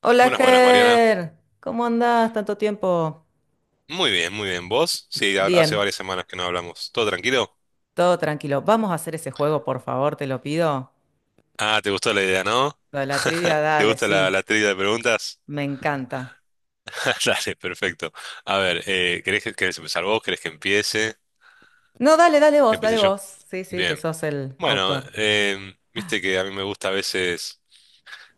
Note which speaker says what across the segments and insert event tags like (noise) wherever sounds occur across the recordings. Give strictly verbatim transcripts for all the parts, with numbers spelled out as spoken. Speaker 1: Hola,
Speaker 2: Buenas, buenas, Mariana.
Speaker 1: Ger. ¿Cómo andás? Tanto tiempo.
Speaker 2: Muy bien, muy bien. ¿Vos? Sí, ha- hace
Speaker 1: Bien,
Speaker 2: varias semanas que no hablamos. ¿Todo tranquilo?
Speaker 1: todo tranquilo. Vamos a hacer ese juego, por favor, te lo pido.
Speaker 2: Ah, ¿te gustó la idea, no?
Speaker 1: Lo de la trivia,
Speaker 2: (laughs) ¿Te
Speaker 1: dale,
Speaker 2: gusta la,
Speaker 1: sí.
Speaker 2: la trivia de preguntas?
Speaker 1: Me encanta.
Speaker 2: (laughs) Dale, perfecto. A ver, eh, ¿querés, que- querés empezar vos? ¿Querés que empiece?
Speaker 1: No, dale, dale
Speaker 2: ¿Que
Speaker 1: vos,
Speaker 2: empiece
Speaker 1: dale
Speaker 2: yo?
Speaker 1: vos. Sí, sí, que
Speaker 2: Bien.
Speaker 1: sos el
Speaker 2: Bueno,
Speaker 1: autor.
Speaker 2: em, viste que a mí me gusta a veces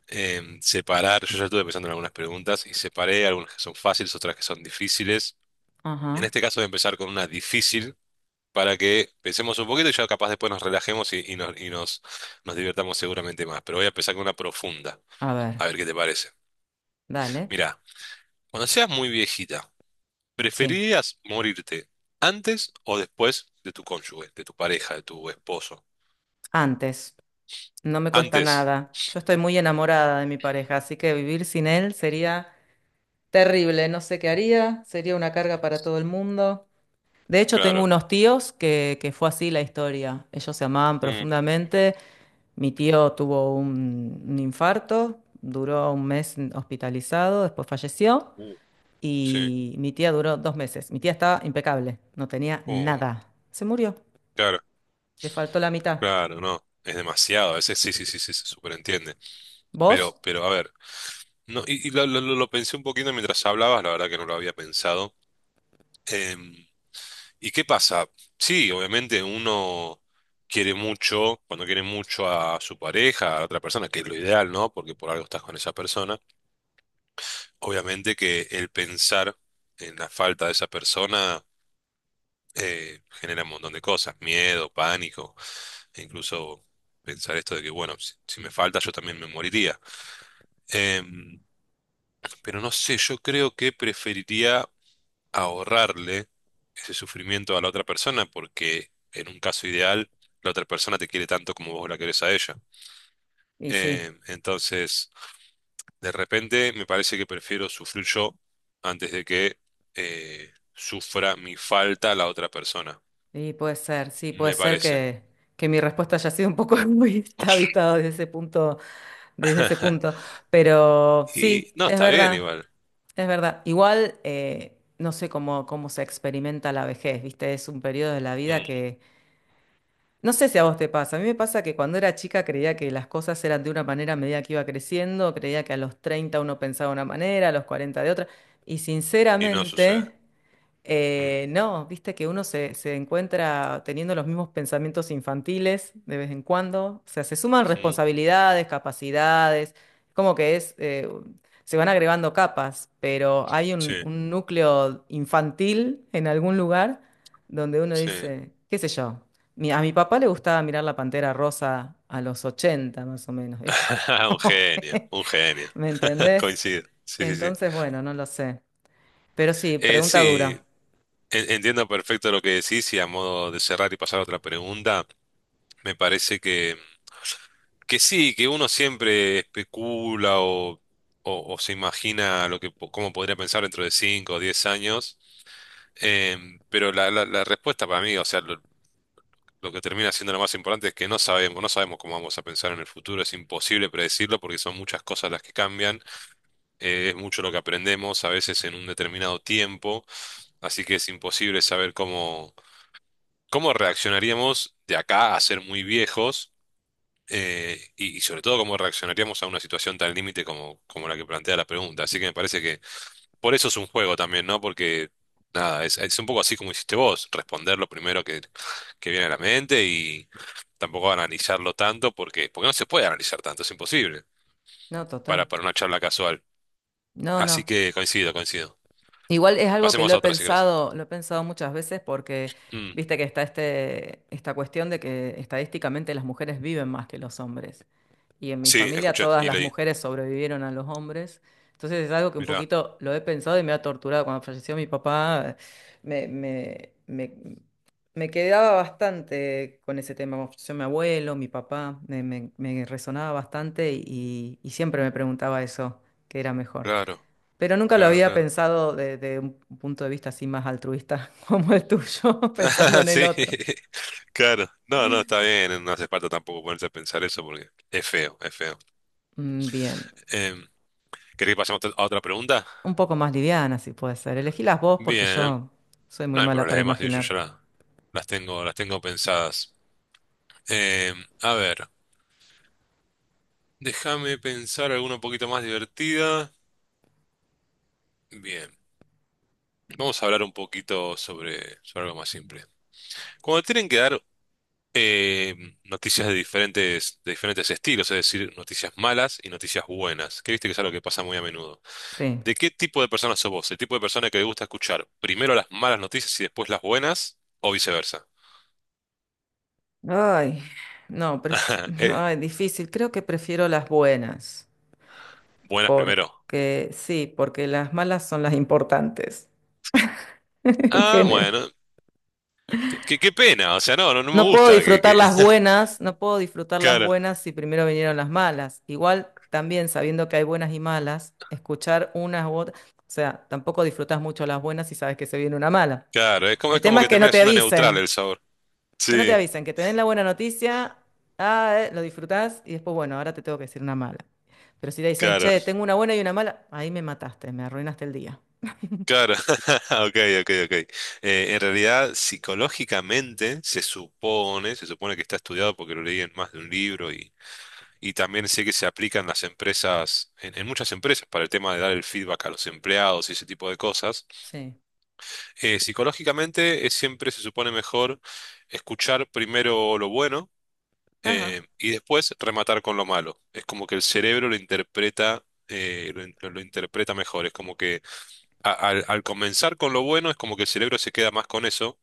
Speaker 2: em, separar. Yo ya estuve pensando en algunas preguntas y separé algunas que son fáciles, otras que son difíciles. En
Speaker 1: Ajá.
Speaker 2: este caso voy a empezar con una difícil, para que pensemos un poquito y ya capaz después nos relajemos y, y nos, y nos, nos divirtamos seguramente más. Pero voy a empezar con una profunda,
Speaker 1: A ver,
Speaker 2: a ver qué te parece.
Speaker 1: dale.
Speaker 2: Mirá, cuando seas muy viejita,
Speaker 1: Sí.
Speaker 2: ¿preferirías morirte antes o después de tu cónyuge, de tu pareja, de tu esposo?
Speaker 1: Antes. No me cuesta
Speaker 2: Antes,
Speaker 1: nada. Yo estoy muy enamorada de mi pareja, así que vivir sin él sería terrible. No sé qué haría. Sería una carga para todo el mundo. De hecho, tengo
Speaker 2: claro.
Speaker 1: unos tíos que, que fue así la historia. Ellos se amaban
Speaker 2: Mm.
Speaker 1: profundamente. Mi tío tuvo un, un infarto, duró un mes hospitalizado, después falleció.
Speaker 2: uh, sí.
Speaker 1: Y mi tía duró dos meses. Mi tía estaba impecable, no tenía
Speaker 2: Uy,
Speaker 1: nada. Se murió,
Speaker 2: claro,
Speaker 1: le faltó la mitad.
Speaker 2: claro, no. Es demasiado, a veces sí, sí, sí, sí, se superentiende. Pero,
Speaker 1: ¿Vos?
Speaker 2: pero a ver, no, y, y lo, lo- lo- lo pensé un poquito mientras hablabas, la verdad que no lo había pensado. Em, ¿Y qué pasa? Sí, obviamente uno quiere mucho, cuando quiere mucho a su pareja, a otra persona, que es lo ideal, ¿no? Porque por algo estás con esa persona. Obviamente que el pensar en la falta de esa persona eh, genera un montón de cosas, miedo, pánico, e incluso pensar esto de que, bueno, si, si me falta yo también me moriría. Em, pero no sé, yo creo que preferiría ahorrarle ese sufrimiento a la otra persona porque en un caso ideal la otra persona te quiere tanto como vos la querés a ella.
Speaker 1: Y sí,
Speaker 2: Eh, entonces, de repente me parece que prefiero sufrir yo antes de que eh, sufra mi falta la otra persona,
Speaker 1: y puede ser, sí, puede
Speaker 2: me
Speaker 1: ser
Speaker 2: parece.
Speaker 1: que, que mi respuesta haya sido un poco (laughs) muy vista desde ese punto, desde ese punto.
Speaker 2: (laughs)
Speaker 1: Pero
Speaker 2: Y
Speaker 1: sí,
Speaker 2: no,
Speaker 1: es
Speaker 2: está bien
Speaker 1: verdad.
Speaker 2: igual.
Speaker 1: Es verdad. Igual, eh, no sé cómo, cómo se experimenta la vejez, ¿viste? Es un periodo de la vida
Speaker 2: Mm.
Speaker 1: que… No sé si a vos te pasa. A mí me pasa que cuando era chica creía que las cosas eran de una manera a medida que iba creciendo. Creía que a los treinta uno pensaba de una manera, a los cuarenta de otra. Y
Speaker 2: Y no sucede.
Speaker 1: sinceramente…
Speaker 2: Mm,
Speaker 1: Eh, no, viste que uno se, se encuentra teniendo los mismos pensamientos infantiles de vez en cuando. O sea, se suman
Speaker 2: ujú.
Speaker 1: responsabilidades, capacidades, como que es, eh, se van agregando capas, pero hay
Speaker 2: Sí,
Speaker 1: un, un núcleo infantil en algún lugar donde uno
Speaker 2: sí.
Speaker 1: dice, qué sé yo, mi- a mi papá le gustaba mirar La Pantera Rosa a los ochenta más o menos. (laughs) Es
Speaker 2: (laughs) Un
Speaker 1: como
Speaker 2: genio,
Speaker 1: que,
Speaker 2: un genio.
Speaker 1: ¿me
Speaker 2: (laughs)
Speaker 1: entendés?
Speaker 2: Coincido. Sí, sí, sí.
Speaker 1: Entonces, bueno, no lo sé. Pero sí,
Speaker 2: Eh,
Speaker 1: pregunta dura.
Speaker 2: sí, En- entiendo perfecto lo que decís, y a modo de cerrar y pasar a otra pregunta, me parece que, que sí, que uno siempre especula o, o- o se imagina lo que, po- cómo podría pensar dentro de cinco o diez años. Em, pero la, la- la respuesta para mí, o sea, lo, lo que termina siendo lo más importante es que no sabemos, no sabemos cómo vamos a pensar en el futuro, es imposible predecirlo porque son muchas cosas las que cambian, eh, es mucho lo que aprendemos a veces en un determinado tiempo, así que es imposible saber cómo. ¿Cómo reaccionaríamos de acá a ser muy viejos? Eh, y, y sobre todo, ¿cómo reaccionaríamos a una situación tan límite como, como la que plantea la pregunta? Así que me parece que por eso es un juego también, ¿no? Porque, nada, es, es un poco así como hiciste vos, responder lo primero que, que viene a la mente, y tampoco analizarlo tanto porque, porque no se puede analizar tanto, es imposible
Speaker 1: No,
Speaker 2: para,
Speaker 1: total.
Speaker 2: para una charla casual.
Speaker 1: No,
Speaker 2: Así
Speaker 1: no.
Speaker 2: que coincido, coincido.
Speaker 1: Igual es algo que
Speaker 2: Pasemos
Speaker 1: lo he
Speaker 2: a otra si querés.
Speaker 1: pensado, lo he pensado muchas veces porque
Speaker 2: Mm,
Speaker 1: viste que está este, esta cuestión de que estadísticamente las mujeres viven más que los hombres. Y en mi
Speaker 2: sí,
Speaker 1: familia
Speaker 2: escuché
Speaker 1: todas
Speaker 2: y
Speaker 1: las
Speaker 2: leí.
Speaker 1: mujeres sobrevivieron a los hombres. Entonces es algo que un
Speaker 2: Mirá,
Speaker 1: poquito lo he pensado y me ha torturado. Cuando falleció mi papá, me, me, me, me quedaba bastante con ese tema. Cuando falleció mi abuelo, mi papá, me, me- me resonaba bastante y, y siempre me preguntaba eso, qué era mejor.
Speaker 2: claro,
Speaker 1: Pero nunca lo
Speaker 2: claro,
Speaker 1: había
Speaker 2: claro.
Speaker 1: pensado desde un punto de vista así más altruista (laughs) como el tuyo, (laughs) pensando
Speaker 2: (laughs)
Speaker 1: en el
Speaker 2: Sí,
Speaker 1: otro.
Speaker 2: (laughs) claro. No, no, está bien. No hace falta tampoco ponerse a pensar eso porque es feo, es feo.
Speaker 1: Mm, bien,
Speaker 2: Eh, ¿querés que pasemos a otra a otra pregunta?
Speaker 1: un poco más liviana, si puede ser. Elegílas vos porque
Speaker 2: Bien,
Speaker 1: yo soy
Speaker 2: no
Speaker 1: muy
Speaker 2: hay
Speaker 1: mala para
Speaker 2: problema, sí, yo
Speaker 1: imaginar.
Speaker 2: ya la- las tengo, las tengo pensadas. Eh, a ver, déjame pensar alguna un poquito más divertida. Bien, vamos a hablar un poquito sobre, sobre algo más simple. Cuando tienen que dar eh, noticias de diferentes, de diferentes estilos, es decir, noticias malas y noticias buenas, que viste que es algo que pasa muy a menudo.
Speaker 1: Sí.
Speaker 2: ¿De qué tipo de persona sos vos? ¿El tipo de persona que le gusta escuchar primero las malas noticias y después las buenas? ¿O viceversa?
Speaker 1: Ay, no, pref-
Speaker 2: (laughs) Eh,
Speaker 1: ay, difícil. Creo que prefiero las buenas,
Speaker 2: buenas primero.
Speaker 1: porque sí, porque las malas son las importantes (laughs) en
Speaker 2: Ah,
Speaker 1: general.
Speaker 2: bueno. Qué, qué- qué pena. O sea, no, no, no me
Speaker 1: No puedo
Speaker 2: gusta que,
Speaker 1: disfrutar
Speaker 2: que-
Speaker 1: las
Speaker 2: (laughs)
Speaker 1: buenas, no puedo disfrutar las
Speaker 2: Claro,
Speaker 1: buenas si primero vinieron las malas. Igual también sabiendo que hay buenas y malas, escuchar unas u otras, o sea, tampoco disfrutas mucho las buenas si sabes que se viene una mala.
Speaker 2: claro. Es como,
Speaker 1: El
Speaker 2: es como
Speaker 1: tema es
Speaker 2: que
Speaker 1: que no
Speaker 2: termina
Speaker 1: te
Speaker 2: siendo neutral
Speaker 1: avisen,
Speaker 2: el sabor.
Speaker 1: que no te
Speaker 2: Sí,
Speaker 1: avisen, que te den la buena noticia, ah, eh, lo disfrutás y después, bueno, ahora te tengo que decir una mala. Pero si te dicen,
Speaker 2: claro,
Speaker 1: che, tengo una buena y una mala, ahí me mataste, me arruinaste el día.
Speaker 2: claro. (laughs) Ok, ok, ok. Eh, en realidad, psicológicamente, se supone, se supone que está estudiado porque lo leí en más de un libro. Y también sé que se aplican las empresas, en, en muchas empresas, para el tema de dar el feedback a los empleados y ese tipo de cosas.
Speaker 1: Sí,
Speaker 2: Eh, psicológicamente es siempre se supone mejor escuchar primero lo bueno, eh,
Speaker 1: ajá,
Speaker 2: y después rematar con lo malo. Es como que el cerebro lo interpreta, eh, lo, in- lo interpreta mejor. Es como que a- al, al comenzar con lo bueno es como que el cerebro se queda más con eso.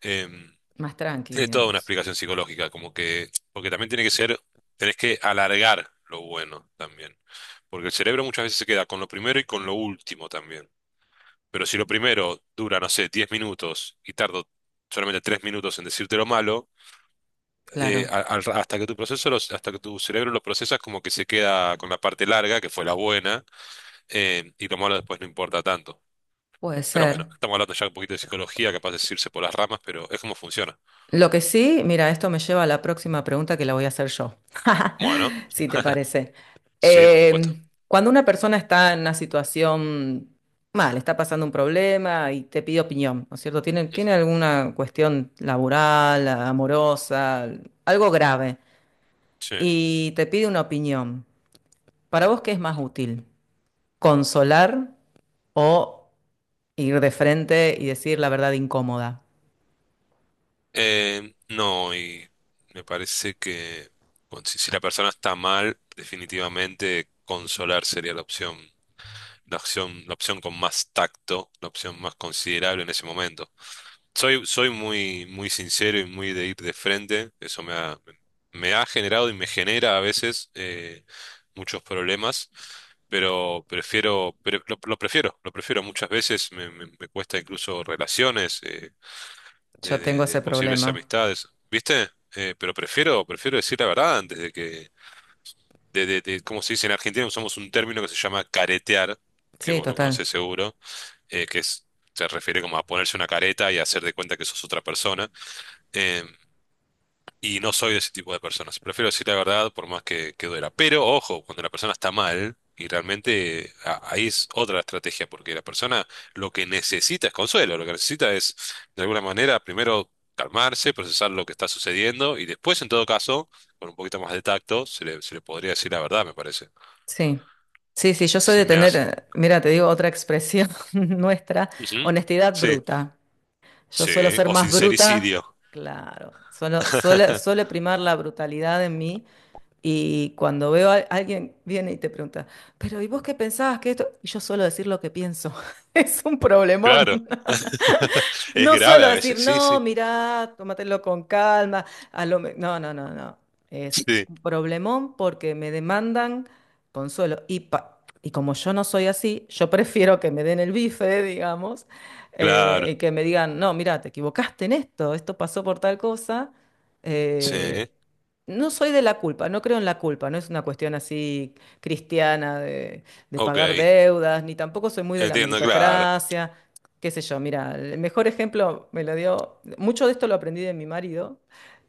Speaker 2: em,
Speaker 1: más tranqui,
Speaker 2: Tiene toda una
Speaker 1: digamos.
Speaker 2: explicación psicológica, como que, porque también tiene que ser, tenés que alargar lo bueno también, porque el cerebro muchas veces se queda con lo primero y con lo último también. Pero si lo primero dura, no sé, diez minutos y tardo solamente tres minutos en decirte lo malo, eh,
Speaker 1: Claro,
Speaker 2: a- al- hasta que tu proceso, los- hasta que tu cerebro lo procesas, como que se queda con la parte larga, que fue la buena, eh, y lo malo después no importa tanto.
Speaker 1: puede
Speaker 2: Pero bueno,
Speaker 1: ser.
Speaker 2: estamos hablando ya un poquito de psicología, capaz de irse por las ramas, pero es como funciona.
Speaker 1: Lo que sí, mira, esto me lleva a la próxima pregunta que la voy a hacer yo,
Speaker 2: Bueno,
Speaker 1: (laughs) si te
Speaker 2: (laughs)
Speaker 1: parece.
Speaker 2: sí, por supuesto.
Speaker 1: Eh, Cuando una persona está en una situación mal, está pasando un problema y te pide opinión, ¿no es cierto? Tiene, tiene
Speaker 2: (laughs)
Speaker 1: alguna cuestión laboral, amorosa, algo grave,
Speaker 2: Sí.
Speaker 1: y te pide una opinión. ¿Para vos qué es más útil? ¿Consolar o ir de frente y decir la verdad incómoda?
Speaker 2: Eh, no, y me parece que con- si, si la persona está mal, definitivamente consolar sería la opción, la opción, la opción, con más tacto, la opción más considerable en ese momento. Soy, soy muy, muy sincero y muy de ir de frente. Eso me ha, me ha generado y me genera a veces eh, muchos problemas. Pero prefiero, pero lo, lo prefiero, lo prefiero. Muchas veces me, me- me cuesta incluso relaciones, eh, de,
Speaker 1: Yo
Speaker 2: de-
Speaker 1: tengo
Speaker 2: de
Speaker 1: ese
Speaker 2: posibles
Speaker 1: problema.
Speaker 2: amistades, ¿viste? Eh, pero prefiero, prefiero decir la verdad antes de que, de, de, de- como se dice en Argentina, usamos un término que se llama caretear, que
Speaker 1: Sí,
Speaker 2: vos lo
Speaker 1: total.
Speaker 2: conocés seguro, eh, que es, se refiere como a ponerse una careta y hacer de cuenta que sos otra persona. Eh, y no soy de ese tipo de personas. Prefiero decir la verdad por más que, que duela. Pero ojo, cuando la persona está mal, y realmente a- ahí es otra estrategia, porque la persona lo que necesita es consuelo, lo que necesita es, de alguna manera, primero calmarse, procesar lo que está sucediendo, y después, en todo caso, con un poquito más de tacto, se le, se le podría decir la verdad, me parece.
Speaker 1: Sí, sí, sí, yo soy
Speaker 2: Se
Speaker 1: de
Speaker 2: me
Speaker 1: tener,
Speaker 2: hace.
Speaker 1: eh, mira, te digo otra expresión (laughs) nuestra,
Speaker 2: Ujú.
Speaker 1: honestidad
Speaker 2: Sí,
Speaker 1: bruta. Yo suelo
Speaker 2: sí.
Speaker 1: ser
Speaker 2: O
Speaker 1: más bruta,
Speaker 2: sincericidio.
Speaker 1: claro, suelo, suele,
Speaker 2: (laughs)
Speaker 1: suele primar la brutalidad en mí y cuando veo a alguien viene y te pregunta, pero ¿y vos qué pensabas que esto? Y yo suelo decir lo que pienso, (laughs) es un
Speaker 2: Claro.
Speaker 1: problemón.
Speaker 2: (laughs) Es
Speaker 1: No
Speaker 2: grave
Speaker 1: suelo
Speaker 2: a
Speaker 1: decir,
Speaker 2: veces, sí,
Speaker 1: no,
Speaker 2: sí,
Speaker 1: mirá, tómatelo con calma. A lo me-". No, no, no, no. Es
Speaker 2: sí.
Speaker 1: un problemón porque me demandan consuelo. Y, pa- y como yo no soy así, yo prefiero que me den el bife, digamos,
Speaker 2: Claro.
Speaker 1: eh, y que me digan, no, mirá, te equivocaste en esto, esto pasó por tal cosa. Eh,
Speaker 2: Sí.
Speaker 1: no soy de la culpa, no creo en la culpa, no es una cuestión así cristiana de, de
Speaker 2: Ok.
Speaker 1: pagar deudas, ni tampoco soy muy de la
Speaker 2: Entiendo, claro.
Speaker 1: meritocracia, qué sé yo, mira, el mejor ejemplo me lo dio, mucho de esto lo aprendí de mi marido,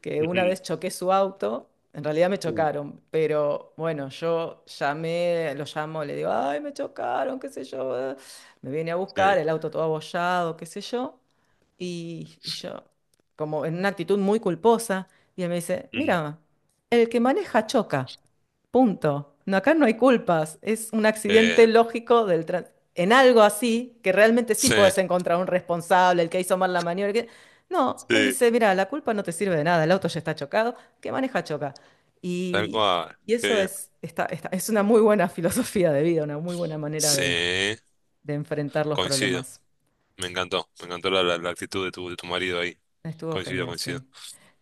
Speaker 1: que una
Speaker 2: Ujú.
Speaker 1: vez choqué su auto, en realidad me
Speaker 2: Uh,
Speaker 1: chocaron, pero bueno, yo llamé, lo llamo, le digo, ay, me chocaron, qué sé yo, eh". Me viene a
Speaker 2: Sí.
Speaker 1: buscar, el auto todo abollado, qué sé yo, y, y yo, como en una actitud muy culposa, y él me dice,
Speaker 2: Mm,
Speaker 1: mira, el que maneja choca. Punto. No, acá no hay culpas, es un
Speaker 2: qué
Speaker 1: accidente
Speaker 2: bien.
Speaker 1: lógico del tran- en algo así, que realmente sí
Speaker 2: Sí,
Speaker 1: podés encontrar un responsable, el que hizo mal la maniobra. El que… No, él
Speaker 2: sí,
Speaker 1: dice, mira, la culpa no te sirve de nada, el auto ya está chocado, que maneja choca.
Speaker 2: tal
Speaker 1: Y,
Speaker 2: cual.
Speaker 1: y
Speaker 2: Qué
Speaker 1: eso
Speaker 2: bien.
Speaker 1: es, está, está- es una muy buena (laughs) filosofía de vida, una muy buena manera de,
Speaker 2: Sí,
Speaker 1: de enfrentar los
Speaker 2: coincido.
Speaker 1: problemas.
Speaker 2: Me encantó. Me encantó la, la- la actitud de tu, de tu marido ahí.
Speaker 1: Estuvo
Speaker 2: Coincido,
Speaker 1: genial, sí.
Speaker 2: coincido.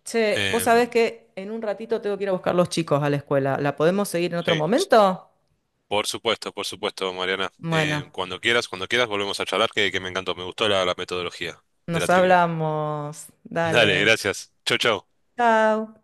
Speaker 1: Che, vos sabés
Speaker 2: Em,
Speaker 1: que en un ratito tengo que ir a buscar los chicos a la escuela. ¿La podemos seguir en otro
Speaker 2: sí,
Speaker 1: momento?
Speaker 2: por supuesto, por supuesto, Mariana.
Speaker 1: Bueno.
Speaker 2: Em, cuando quieras, cuando quieras, volvemos a charlar, que, que me encantó. Me gustó la, la metodología de
Speaker 1: Nos
Speaker 2: la trivia.
Speaker 1: hablamos.
Speaker 2: Dale,
Speaker 1: Dale.
Speaker 2: gracias. Chau, chau.
Speaker 1: Chao.